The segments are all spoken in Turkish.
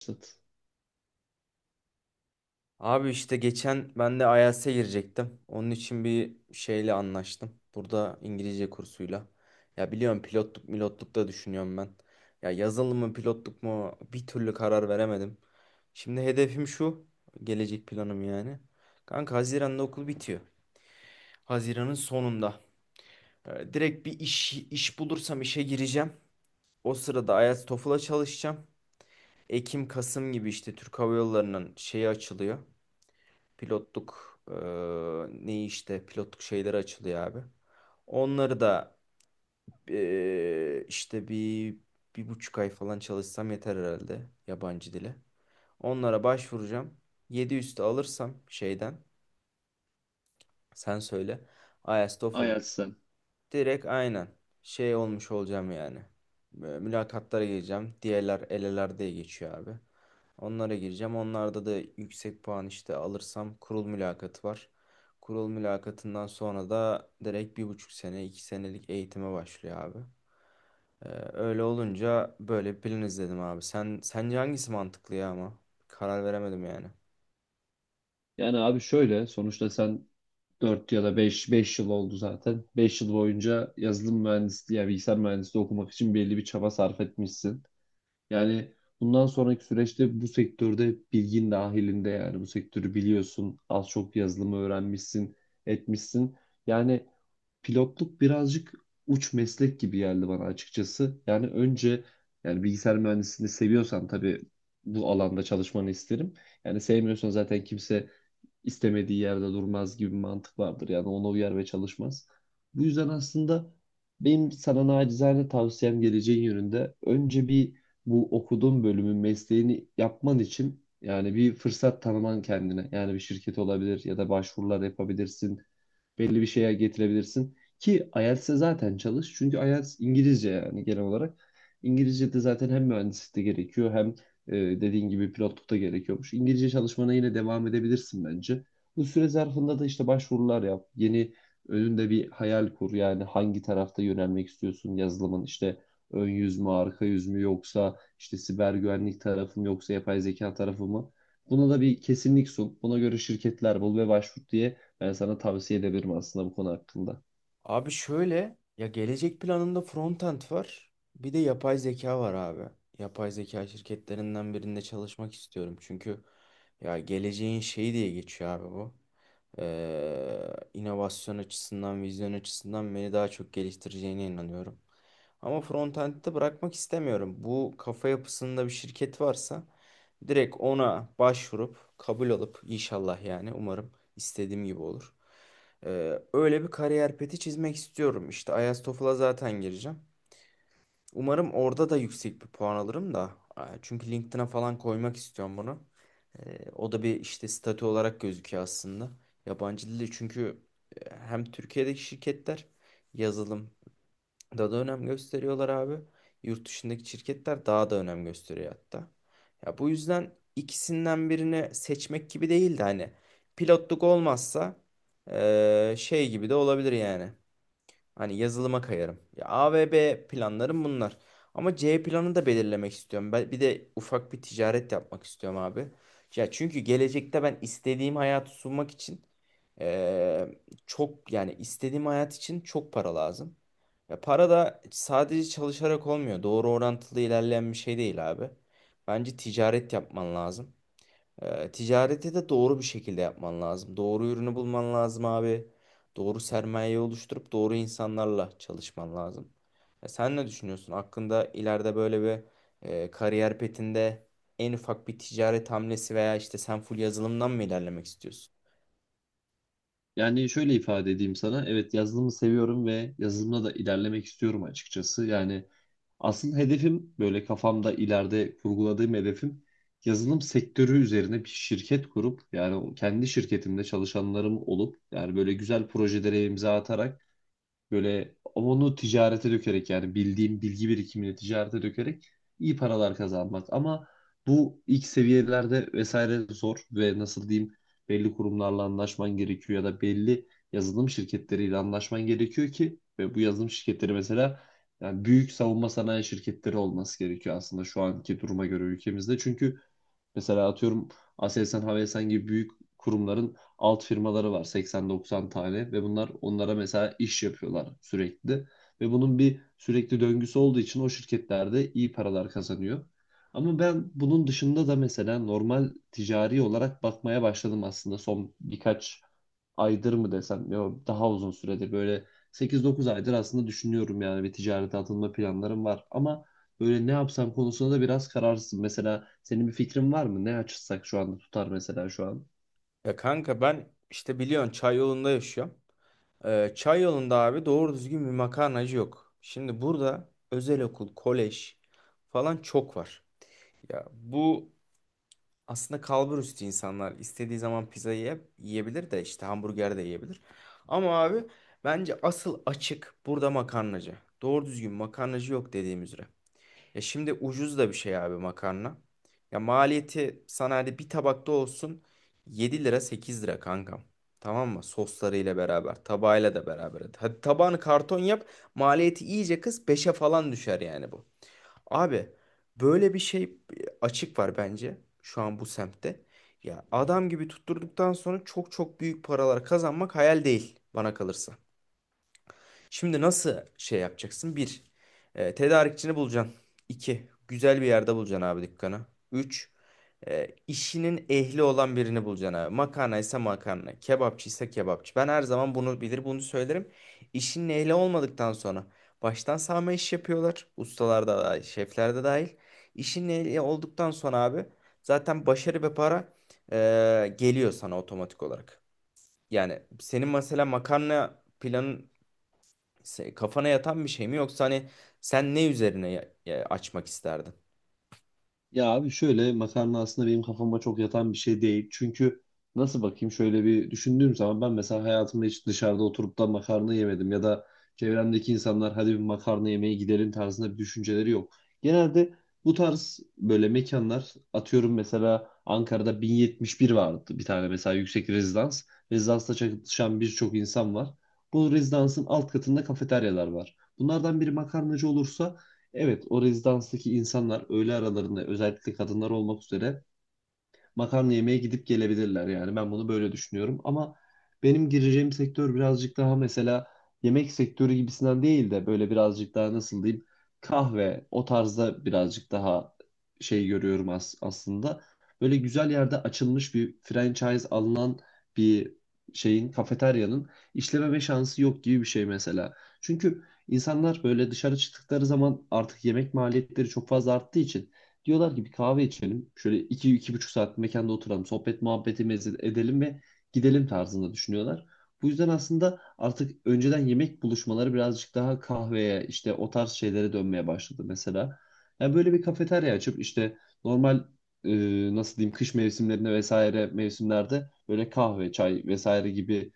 Sat. Abi işte geçen ben de IELTS'e girecektim. Onun için bir şeyle anlaştım. Burada İngilizce kursuyla. Ya biliyorum pilotluk milotluk da düşünüyorum ben. Ya yazılım mı pilotluk mu bir türlü karar veremedim. Şimdi hedefim şu. Gelecek planım yani. Kanka Haziran'da okul bitiyor. Haziran'ın sonunda. Direkt bir iş bulursam işe gireceğim. O sırada IELTS TOEFL'a çalışacağım. Ekim Kasım gibi işte Türk Hava Yolları'nın şeyi açılıyor. Pilotluk ne işte pilotluk şeyleri açılıyor abi. Onları da işte bir buçuk ay falan çalışsam yeter herhalde yabancı dile. Onlara başvuracağım. Yedi üstü alırsam şeyden sen söyle. IELTS, TOEFL Ajax'tan. direkt aynen şey olmuş olacağım yani. Böyle mülakatlara gireceğim. Diğerler eleler diye geçiyor abi. Onlara gireceğim. Onlarda da yüksek puan işte alırsam kurul mülakatı var. Kurul mülakatından sonra da direkt 1,5 sene, 2 senelik eğitime başlıyor abi. Öyle olunca böyle bir plan izledim abi. Sen sence hangisi mantıklı ya ama? Karar veremedim yani. Yani abi, şöyle sonuçta sen 4 ya da beş yıl oldu zaten. 5 yıl boyunca yazılım mühendisliği ya bilgisayar mühendisliği okumak için belli bir çaba sarf etmişsin. Yani bundan sonraki süreçte bu sektörde bilgin dahilinde, yani bu sektörü biliyorsun. Az çok yazılımı öğrenmişsin, etmişsin. Yani pilotluk birazcık uç meslek gibi geldi bana açıkçası. Yani önce, bilgisayar mühendisliğini seviyorsan tabii bu alanda çalışmanı isterim. Yani sevmiyorsan zaten kimse istemediği yerde durmaz gibi bir mantık vardır. Yani ona uyar ve çalışmaz. Bu yüzden aslında benim sana nacizane tavsiyem, geleceğin yönünde önce bir bu okuduğun bölümün mesleğini yapman için yani bir fırsat tanıman kendine. Yani bir şirket olabilir ya da başvurular yapabilirsin, belli bir şeye getirebilirsin. Ki IELTS'e zaten çalış. Çünkü IELTS İngilizce yani genel olarak. İngilizce de zaten hem mühendislikte gerekiyor hem e, dediğin gibi pilotlukta gerekiyormuş. İngilizce çalışmana yine devam edebilirsin bence. Bu süre zarfında da işte başvurular yap. Yeni önünde bir hayal kur. Yani hangi tarafta yönelmek istiyorsun yazılımın? İşte ön yüz mü, arka yüz mü, yoksa işte siber güvenlik tarafı mı yoksa yapay zeka tarafı mı? Buna da bir kesinlik sun. Buna göre şirketler bul ve başvur diye ben sana tavsiye edebilirim aslında bu konu hakkında. Abi şöyle ya, gelecek planımda frontend var. Bir de yapay zeka var abi. Yapay zeka şirketlerinden birinde çalışmak istiyorum. Çünkü ya, geleceğin şeyi diye geçiyor abi bu. Ee, inovasyon açısından, vizyon açısından beni daha çok geliştireceğine inanıyorum. Ama frontend'de bırakmak istemiyorum. Bu kafa yapısında bir şirket varsa direkt ona başvurup kabul alıp inşallah, yani umarım istediğim gibi olur. Öyle bir kariyer peti çizmek istiyorum. İşte IELTS TOEFL'a zaten gireceğim. Umarım orada da yüksek bir puan alırım da. Çünkü LinkedIn'e falan koymak istiyorum bunu. O da bir işte statü olarak gözüküyor aslında. Yabancı dili çünkü hem Türkiye'deki şirketler yazılım daha da önem gösteriyorlar abi. Yurt dışındaki şirketler daha da önem gösteriyor hatta. Ya bu yüzden ikisinden birini seçmek gibi değil de, hani pilotluk olmazsa şey gibi de olabilir yani. Hani yazılıma kayarım. Ya, A ve B planlarım bunlar. Ama C planını da belirlemek istiyorum. Ben bir de ufak bir ticaret yapmak istiyorum abi. Ya çünkü gelecekte ben istediğim hayatı sunmak için eee, çok, yani istediğim hayat için çok para lazım. Ya para da sadece çalışarak olmuyor. Doğru orantılı ilerleyen bir şey değil abi. Bence ticaret yapman lazım. Ticareti de doğru bir şekilde yapman lazım. Doğru ürünü bulman lazım abi. Doğru sermayeyi oluşturup doğru insanlarla çalışman lazım. Ya sen ne düşünüyorsun? Hakkında ileride böyle bir kariyer petinde en ufak bir ticaret hamlesi veya işte sen full yazılımdan mı ilerlemek istiyorsun? Yani şöyle ifade edeyim sana. Evet, yazılımı seviyorum ve yazılımda da ilerlemek istiyorum açıkçası. Yani asıl hedefim, böyle kafamda ileride kurguladığım hedefim, yazılım sektörü üzerine bir şirket kurup yani kendi şirketimde çalışanlarım olup yani böyle güzel projelere imza atarak, böyle onu ticarete dökerek, yani bildiğim bilgi birikimini ticarete dökerek iyi paralar kazanmak. Ama bu ilk seviyelerde vesaire zor ve nasıl diyeyim, belli kurumlarla anlaşman gerekiyor ya da belli yazılım şirketleriyle anlaşman gerekiyor ki. Ve bu yazılım şirketleri mesela yani büyük savunma sanayi şirketleri olması gerekiyor aslında şu anki duruma göre ülkemizde. Çünkü mesela atıyorum, Aselsan, Havelsan gibi büyük kurumların alt firmaları var, 80-90 tane, ve bunlar onlara mesela iş yapıyorlar sürekli, ve bunun bir sürekli döngüsü olduğu için o şirketlerde iyi paralar kazanıyor. Ama ben bunun dışında da mesela normal ticari olarak bakmaya başladım aslında son birkaç aydır mı desem, yok, daha uzun süredir, böyle 8-9 aydır aslında düşünüyorum yani. Bir ticarete atılma planlarım var ama böyle ne yapsam konusunda da biraz kararsızım. Mesela senin bir fikrin var mı? Ne açsak şu anda tutar mesela şu an? Ya kanka, ben işte biliyorsun çay yolunda yaşıyorum. Çay yolunda abi doğru düzgün bir makarnacı yok. Şimdi burada özel okul, kolej falan çok var. Ya bu Aslında kalbur üstü insanlar istediği zaman pizzayı yiyebilir de, işte hamburger de yiyebilir. Ama abi bence asıl açık burada makarnacı. Doğru düzgün makarnacı yok dediğim üzere. Ya şimdi ucuz da bir şey abi makarna. Ya maliyeti sana hadi bir tabakta olsun 7 lira, 8 lira kankam. Tamam mı? Soslarıyla beraber, tabağıyla da beraber. Hadi tabağını karton yap, maliyeti iyice kıs, beşe falan düşer yani bu. Abi böyle bir şey, açık var bence şu an bu semtte. Ya adam gibi tutturduktan sonra çok çok büyük paralar kazanmak hayal değil bana kalırsa. Şimdi nasıl şey yapacaksın? Bir, tedarikçini bulacaksın. İki, güzel bir yerde bulacaksın abi dükkanı. Üç, işinin ehli olan birini bulacaksın abi. Makarna ise makarna, kebapçı ise kebapçı. Ben her zaman bunu bilir, bunu söylerim. İşinin ehli olmadıktan sonra baştan sağma iş yapıyorlar. Ustalar da dahil, şefler de dahil. İşinin ehli olduktan sonra abi zaten başarı ve para geliyor sana otomatik olarak. Yani senin mesela makarna planın kafana yatan bir şey mi, yoksa hani sen ne üzerine açmak isterdin? Ya abi şöyle, makarna aslında benim kafama çok yatan bir şey değil. Çünkü nasıl bakayım, şöyle bir düşündüğüm zaman, ben mesela hayatımda hiç dışarıda oturup da makarna yemedim ya da çevremdeki insanlar hadi bir makarna yemeye gidelim tarzında bir düşünceleri yok. Genelde bu tarz böyle mekanlar, atıyorum mesela Ankara'da 1071 vardı bir tane, mesela yüksek rezidans. Rezidansta çalışan birçok insan var. Bu rezidansın alt katında kafeteryalar var. Bunlardan biri makarnacı olursa, evet, o rezidanstaki insanlar öğle aralarında, özellikle kadınlar olmak üzere, makarna yemeye gidip gelebilirler yani. Ben bunu böyle düşünüyorum. Ama benim gireceğim sektör birazcık daha, mesela, yemek sektörü gibisinden değil de böyle birazcık daha, nasıl diyeyim, kahve o tarzda, birazcık daha şey görüyorum as aslında. Böyle güzel yerde açılmış bir franchise alınan bir şeyin, kafeteryanın, işlememe şansı yok gibi bir şey mesela. Çünkü insanlar böyle dışarı çıktıkları zaman artık yemek maliyetleri çok fazla arttığı için diyorlar ki bir kahve içelim. Şöyle iki, iki buçuk saat mekanda oturalım. Sohbet muhabbetimizi edelim ve gidelim tarzında düşünüyorlar. Bu yüzden aslında artık önceden yemek buluşmaları birazcık daha kahveye, işte o tarz şeylere dönmeye başladı mesela. Yani böyle bir kafeterya açıp işte normal, nasıl diyeyim, kış mevsimlerinde vesaire mevsimlerde böyle kahve, çay vesaire gibi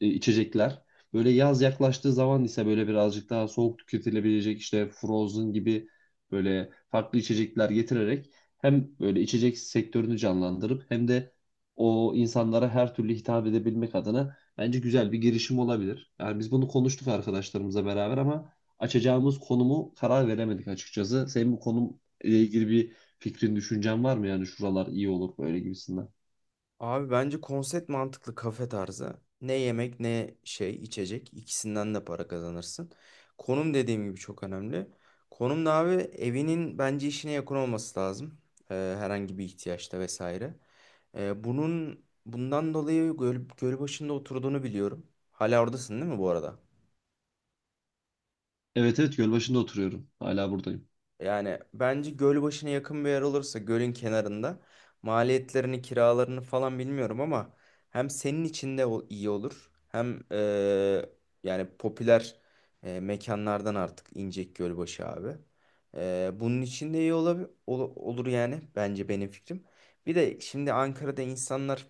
içecekler. Böyle yaz yaklaştığı zaman ise böyle birazcık daha soğuk tüketilebilecek, işte Frozen gibi böyle farklı içecekler getirerek hem böyle içecek sektörünü canlandırıp hem de o insanlara her türlü hitap edebilmek adına bence güzel bir girişim olabilir. Yani biz bunu konuştuk arkadaşlarımızla beraber ama açacağımız konumu karar veremedik açıkçası. Senin bu konumla ilgili bir fikrin, düşüncen var mı? Yani şuralar iyi olur böyle gibisinden. Abi bence konsept mantıklı, kafe tarzı. Ne yemek ne şey içecek, ikisinden de para kazanırsın. Konum dediğim gibi çok önemli. Konum da abi evinin, bence işine yakın olması lazım. Herhangi bir ihtiyaçta vesaire. Bunun bundan dolayı Gölbaşı'nda oturduğunu biliyorum. Hala oradasın değil mi bu arada? Evet, evet, Gölbaşı'nda oturuyorum. Hala buradayım. Yani bence göl başına yakın bir yer olursa, gölün kenarında, maliyetlerini kiralarını falan bilmiyorum ama hem senin için de iyi olur, hem yani popüler mekanlardan artık İncek Gölbaşı abi. Bunun için de iyi olur yani, bence benim fikrim. Bir de şimdi Ankara'da insanlar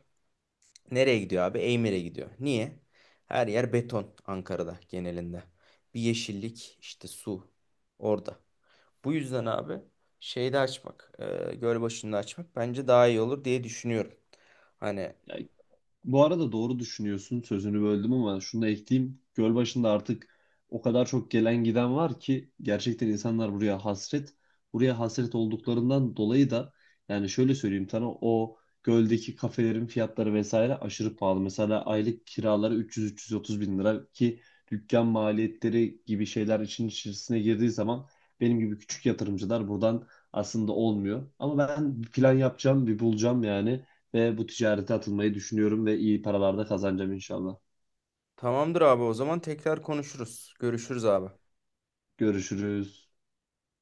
nereye gidiyor abi? Eymir'e gidiyor. Niye? Her yer beton Ankara'da genelinde. Bir yeşillik işte, su orada. Bu yüzden abi şeyde açmak, Gölbaşı'nda açmak bence daha iyi olur diye düşünüyorum. Hani, Ya, bu arada doğru düşünüyorsun. Sözünü böldüm ama şunu da ekleyeyim. Gölbaşı'nda artık o kadar çok gelen giden var ki gerçekten insanlar buraya hasret. Buraya hasret olduklarından dolayı da yani şöyle söyleyeyim sana, o göldeki kafelerin fiyatları vesaire aşırı pahalı. Mesela aylık kiraları 300-330 bin lira, ki dükkan maliyetleri gibi şeyler için içerisine girdiği zaman benim gibi küçük yatırımcılar buradan aslında olmuyor. Ama ben bir plan yapacağım, bir bulacağım yani, ve bu ticarete atılmayı düşünüyorum ve iyi paralar da kazanacağım inşallah. tamamdır abi, o zaman tekrar konuşuruz. Görüşürüz abi. Görüşürüz.